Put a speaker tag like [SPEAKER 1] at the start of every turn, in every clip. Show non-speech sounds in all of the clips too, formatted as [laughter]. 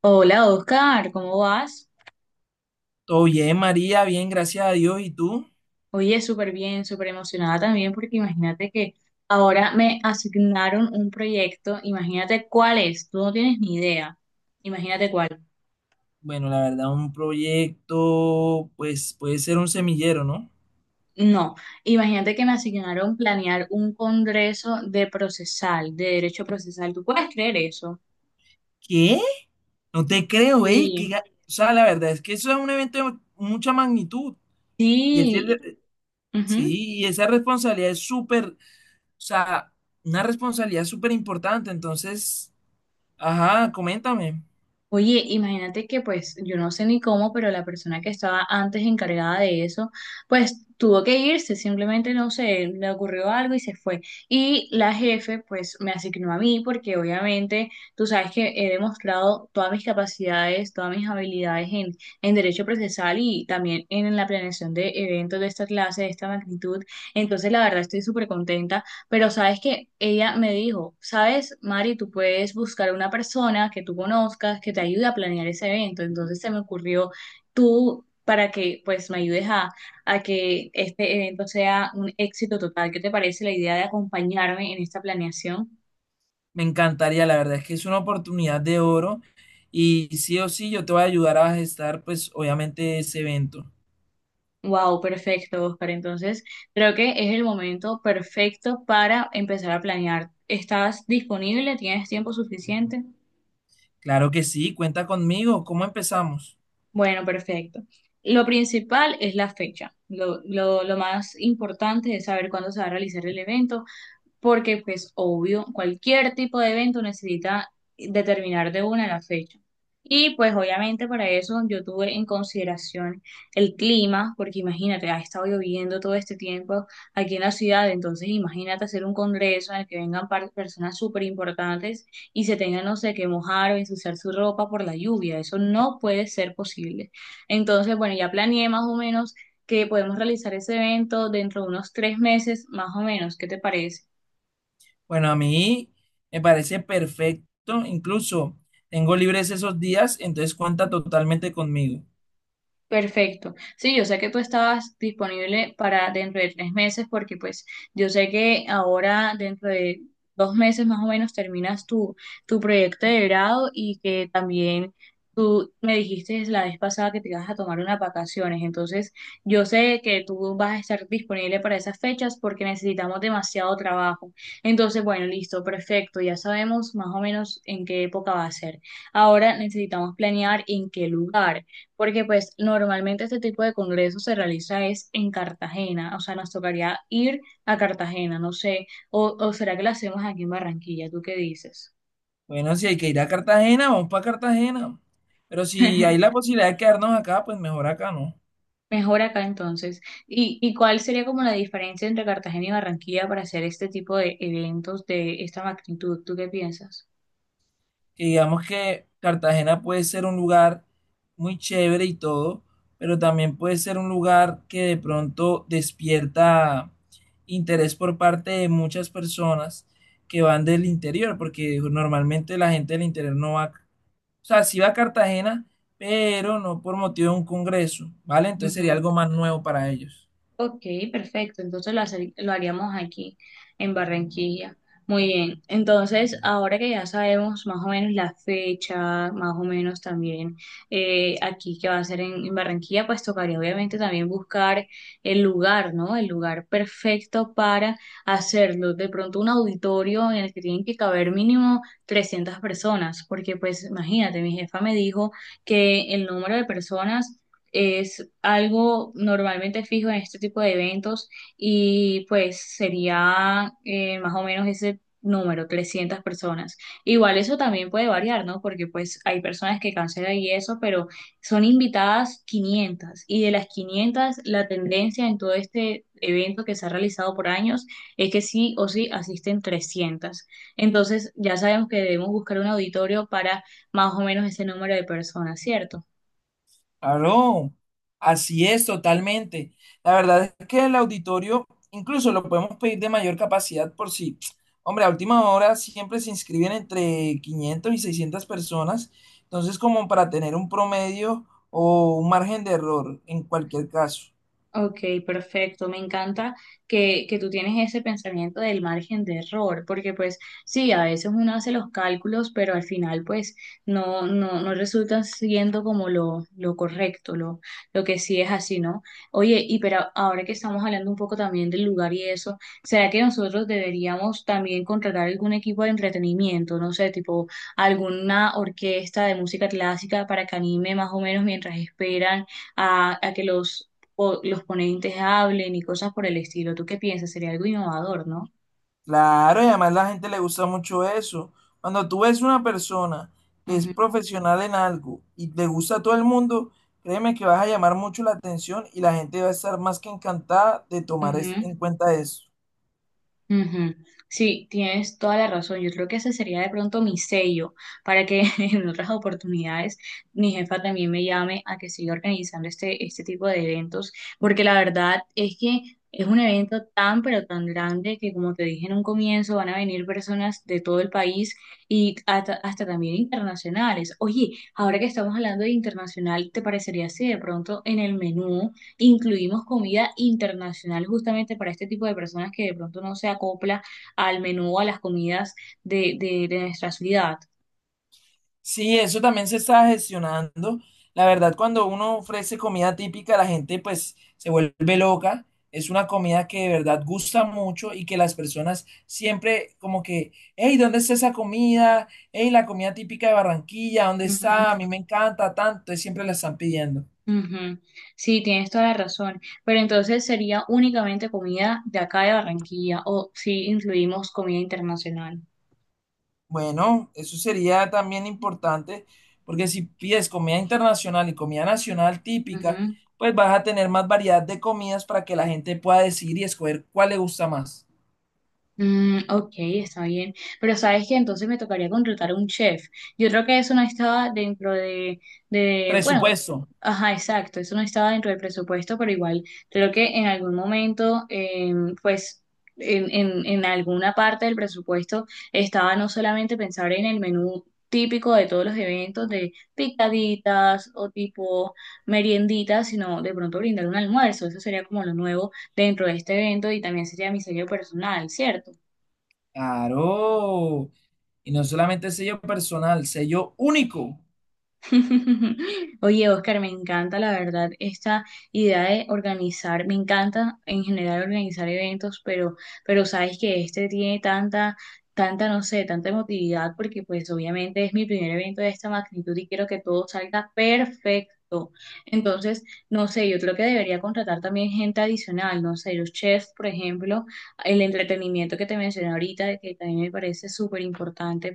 [SPEAKER 1] Hola Oscar, ¿cómo vas?
[SPEAKER 2] Todo bien, María, bien, gracias a Dios. ¿Y tú?
[SPEAKER 1] Oye, súper bien, súper emocionada también porque imagínate que ahora me asignaron un proyecto, imagínate cuál es, tú no tienes ni idea, imagínate cuál,
[SPEAKER 2] Bueno, la verdad, un proyecto, pues puede ser un semillero, ¿no?
[SPEAKER 1] no, imagínate que me asignaron planear un congreso de procesal, de derecho procesal, ¿tú puedes creer eso?
[SPEAKER 2] ¿Qué? No te creo, ¿eh?
[SPEAKER 1] Sí.
[SPEAKER 2] O sea, la verdad es que eso es un evento de mucha magnitud. Y ese,
[SPEAKER 1] Sí,
[SPEAKER 2] re-
[SPEAKER 1] ujú.
[SPEAKER 2] sí, y esa responsabilidad es súper, o sea, una responsabilidad súper importante. Entonces, ajá, coméntame.
[SPEAKER 1] Oye, imagínate que pues yo no sé ni cómo, pero la persona que estaba antes encargada de eso, pues tuvo que irse, simplemente no sé, le ocurrió algo y se fue. Y la jefe pues me asignó a mí porque obviamente tú sabes que he demostrado todas mis capacidades, todas mis habilidades en derecho procesal y también en la planeación de eventos de esta clase, de esta magnitud. Entonces la verdad estoy súper contenta, pero sabes que ella me dijo, sabes, Mari, tú puedes buscar a una persona que tú conozcas que te ayude a planear ese evento. Entonces se me ocurrió tú para que pues me ayudes a que este evento sea un éxito total. ¿Qué te parece la idea de acompañarme en esta planeación?
[SPEAKER 2] Me encantaría, la verdad es que es una oportunidad de oro. Y sí o sí, yo te voy a ayudar a gestar, pues, obviamente, ese evento.
[SPEAKER 1] Wow, perfecto, Oscar. Entonces creo que es el momento perfecto para empezar a planear. ¿Estás disponible? ¿Tienes tiempo suficiente?
[SPEAKER 2] Claro que sí, cuenta conmigo. ¿Cómo empezamos?
[SPEAKER 1] Bueno, perfecto. Lo principal es la fecha. Lo más importante es saber cuándo se va a realizar el evento, porque pues obvio, cualquier tipo de evento necesita determinar de una la fecha. Y pues obviamente para eso yo tuve en consideración el clima, porque imagínate, ha estado lloviendo todo este tiempo aquí en la ciudad, entonces imagínate hacer un congreso en el que vengan personas súper importantes y se tengan, no sé, que mojar o ensuciar su ropa por la lluvia, eso no puede ser posible. Entonces, bueno, ya planeé más o menos que podemos realizar ese evento dentro de unos 3 meses, más o menos, ¿qué te parece?
[SPEAKER 2] Bueno, a mí me parece perfecto, incluso tengo libres esos días, entonces cuenta totalmente conmigo.
[SPEAKER 1] Perfecto. Sí, yo sé que tú estabas disponible para dentro de 3 meses, porque pues yo sé que ahora dentro de 2 meses más o menos terminas tu proyecto de grado y que también tú me dijiste la vez pasada que te ibas a tomar unas vacaciones. Entonces yo sé que tú vas a estar disponible para esas fechas porque necesitamos demasiado trabajo. Entonces, bueno, listo, perfecto. Ya sabemos más o menos en qué época va a ser. Ahora necesitamos planear en qué lugar. Porque pues normalmente este tipo de congresos se realiza es en Cartagena, o sea, nos tocaría ir a Cartagena, no sé, o será que lo hacemos aquí en Barranquilla, ¿tú qué dices?
[SPEAKER 2] Bueno, si hay que ir a Cartagena, vamos para Cartagena. Pero si hay la
[SPEAKER 1] [laughs]
[SPEAKER 2] posibilidad de quedarnos acá, pues mejor acá, ¿no?
[SPEAKER 1] Mejor acá entonces. Y cuál sería como la diferencia entre Cartagena y Barranquilla para hacer este tipo de eventos de esta magnitud? ¿Tú qué piensas?
[SPEAKER 2] Que digamos que Cartagena puede ser un lugar muy chévere y todo, pero también puede ser un lugar que de pronto despierta interés por parte de muchas personas que van del interior, porque normalmente la gente del interior no va, o sea, sí va a Cartagena, pero no por motivo de un congreso, ¿vale? Entonces sería algo más nuevo para ellos.
[SPEAKER 1] Ok, perfecto. Entonces lo haríamos aquí en Barranquilla. Muy bien. Entonces, ahora que ya sabemos más o menos la fecha, más o menos también aquí que va a ser en Barranquilla, pues tocaría obviamente también buscar el lugar, ¿no? El lugar perfecto para hacerlo. De pronto un auditorio en el que tienen que caber mínimo 300 personas, porque pues imagínate, mi jefa me dijo que el número de personas es algo normalmente fijo en este tipo de eventos y pues sería más o menos ese número, 300 personas. Igual eso también puede variar, ¿no? Porque pues hay personas que cancelan y eso, pero son invitadas 500 y de las 500 la tendencia en todo este evento que se ha realizado por años es que sí o sí asisten 300. Entonces ya sabemos que debemos buscar un auditorio para más o menos ese número de personas, ¿cierto?
[SPEAKER 2] Claro, así es totalmente. La verdad es que el auditorio incluso lo podemos pedir de mayor capacidad por si, hombre, a última hora siempre se inscriben entre 500 y 600 personas, entonces como para tener un promedio o un margen de error en cualquier caso.
[SPEAKER 1] Ok, perfecto. Me encanta que tú tienes ese pensamiento del margen de error, porque pues sí, a veces uno hace los cálculos, pero al final pues no, no, no resulta siendo como lo correcto, lo que sí es así, ¿no? Oye, y pero ahora que estamos hablando un poco también del lugar y eso, ¿será que nosotros deberíamos también contratar algún equipo de entretenimiento, no sé, tipo alguna orquesta de música clásica para que anime más o menos mientras esperan? A que los o los ponentes hablen y cosas por el estilo. ¿Tú qué piensas? Sería algo innovador, ¿no?
[SPEAKER 2] Claro, y además la gente le gusta mucho eso. Cuando tú ves una persona que es
[SPEAKER 1] Ujú,
[SPEAKER 2] profesional en algo y le gusta a todo el mundo, créeme que vas a llamar mucho la atención y la gente va a estar más que encantada de tomar
[SPEAKER 1] ujú.
[SPEAKER 2] en cuenta eso.
[SPEAKER 1] Ujú. Sí, tienes toda la razón. Yo creo que ese sería de pronto mi sello para que [laughs] en otras oportunidades mi jefa también me llame a que siga organizando este tipo de eventos, porque la verdad es que es un evento tan pero tan grande que como te dije en un comienzo van a venir personas de todo el país y hasta también internacionales. Oye, ahora que estamos hablando de internacional, ¿te parecería si de pronto en el menú incluimos comida internacional justamente para este tipo de personas que de pronto no se acopla al menú o a las comidas de nuestra ciudad.
[SPEAKER 2] Sí, eso también se está gestionando. La verdad, cuando uno ofrece comida típica, la gente pues se vuelve loca. Es una comida que de verdad gusta mucho y que las personas siempre como que, hey, ¿dónde está esa comida? Hey, la comida típica de Barranquilla, ¿dónde está?
[SPEAKER 1] Ujú,
[SPEAKER 2] A mí me encanta tanto, y siempre la están pidiendo.
[SPEAKER 1] ujú. Sí, tienes toda la razón, pero entonces sería únicamente comida de acá de Barranquilla o si incluimos comida internacional.
[SPEAKER 2] Bueno, eso sería también importante, porque si pides comida internacional y comida nacional típica, pues vas a tener más variedad de comidas para que la gente pueda decidir y escoger cuál le gusta más.
[SPEAKER 1] Mm, ok, está bien. Pero sabes que entonces me tocaría contratar a un chef. Yo creo que eso no estaba dentro de, bueno,
[SPEAKER 2] Presupuesto.
[SPEAKER 1] ajá, exacto, eso no estaba dentro del presupuesto, pero igual creo que en algún momento, pues, en, en alguna parte del presupuesto estaba no solamente pensar en el menú típico de todos los eventos, de picaditas o tipo merienditas, sino de pronto brindar un almuerzo. Eso sería como lo nuevo dentro de este evento y también sería mi sello personal, ¿cierto?
[SPEAKER 2] Claro. Y no solamente sello personal, sello único.
[SPEAKER 1] [laughs] Oye, Oscar, me encanta la verdad esta idea de organizar, me encanta en general organizar eventos, pero sabes que este tiene tanta, tanta, no sé, tanta emotividad, porque pues obviamente es mi primer evento de esta magnitud y quiero que todo salga perfecto. Entonces, no sé, yo creo que debería contratar también gente adicional, no sé, los chefs, por ejemplo, el entretenimiento que te mencioné ahorita, que también me parece súper importante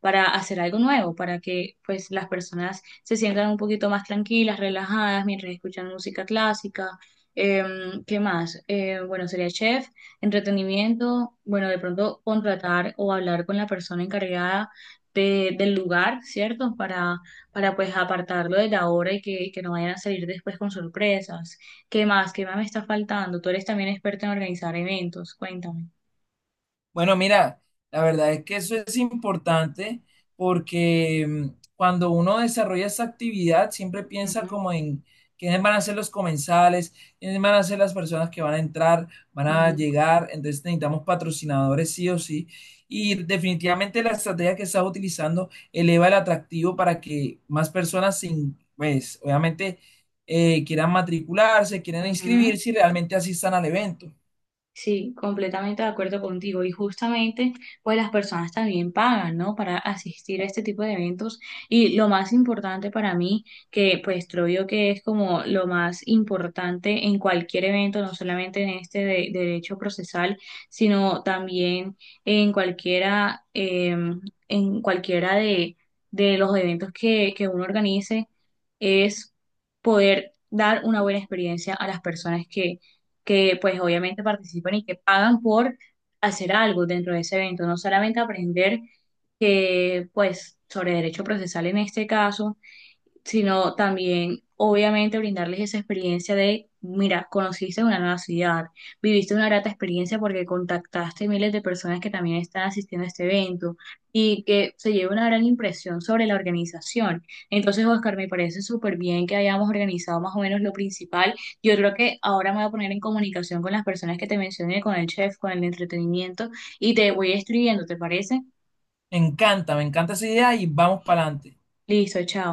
[SPEAKER 1] para hacer algo nuevo, para que pues las personas se sientan un poquito más tranquilas, relajadas mientras escuchan música clásica. Eh, ¿Qué más? Bueno, sería chef, entretenimiento, bueno, de pronto contratar o hablar con la persona encargada del lugar, ¿cierto? Para pues apartarlo de la hora y que no vayan a salir después con sorpresas. ¿Qué más? ¿Qué más me está faltando? Tú eres también experta en organizar eventos, cuéntame.
[SPEAKER 2] Bueno, mira, la verdad es que eso es importante porque cuando uno desarrolla esa actividad, siempre piensa
[SPEAKER 1] Ujú,
[SPEAKER 2] como en quiénes van a ser los comensales, quiénes van a ser las personas que van a entrar, van a
[SPEAKER 1] ujú,
[SPEAKER 2] llegar, entonces necesitamos patrocinadores sí o sí. Y definitivamente la estrategia que estás utilizando eleva el atractivo para que más personas, sin, pues, obviamente, quieran matricularse, quieran
[SPEAKER 1] ujú.
[SPEAKER 2] inscribirse y realmente asistan al evento.
[SPEAKER 1] Sí, completamente de acuerdo contigo. Y justamente, pues las personas también pagan, ¿no? Para asistir a este tipo de eventos. Y lo más importante para mí, que pues creo yo que es como lo más importante en cualquier evento, no solamente en este de derecho procesal, sino también en cualquiera, eh, en cualquiera de los eventos que uno organice, es poder dar una buena experiencia a las personas que pues obviamente participan y que pagan por hacer algo dentro de ese evento, no solamente aprender que pues sobre derecho procesal en este caso, sino también, obviamente, brindarles esa experiencia de, mira, conociste una nueva ciudad, viviste una grata experiencia porque contactaste miles de personas que también están asistiendo a este evento y que se lleva una gran impresión sobre la organización. Entonces, Oscar, me parece súper bien que hayamos organizado más o menos lo principal. Yo creo que ahora me voy a poner en comunicación con las personas que te mencioné, con el chef, con el entretenimiento y te voy escribiendo, ¿te parece?
[SPEAKER 2] Me encanta esa idea y vamos para adelante.
[SPEAKER 1] Listo, chao.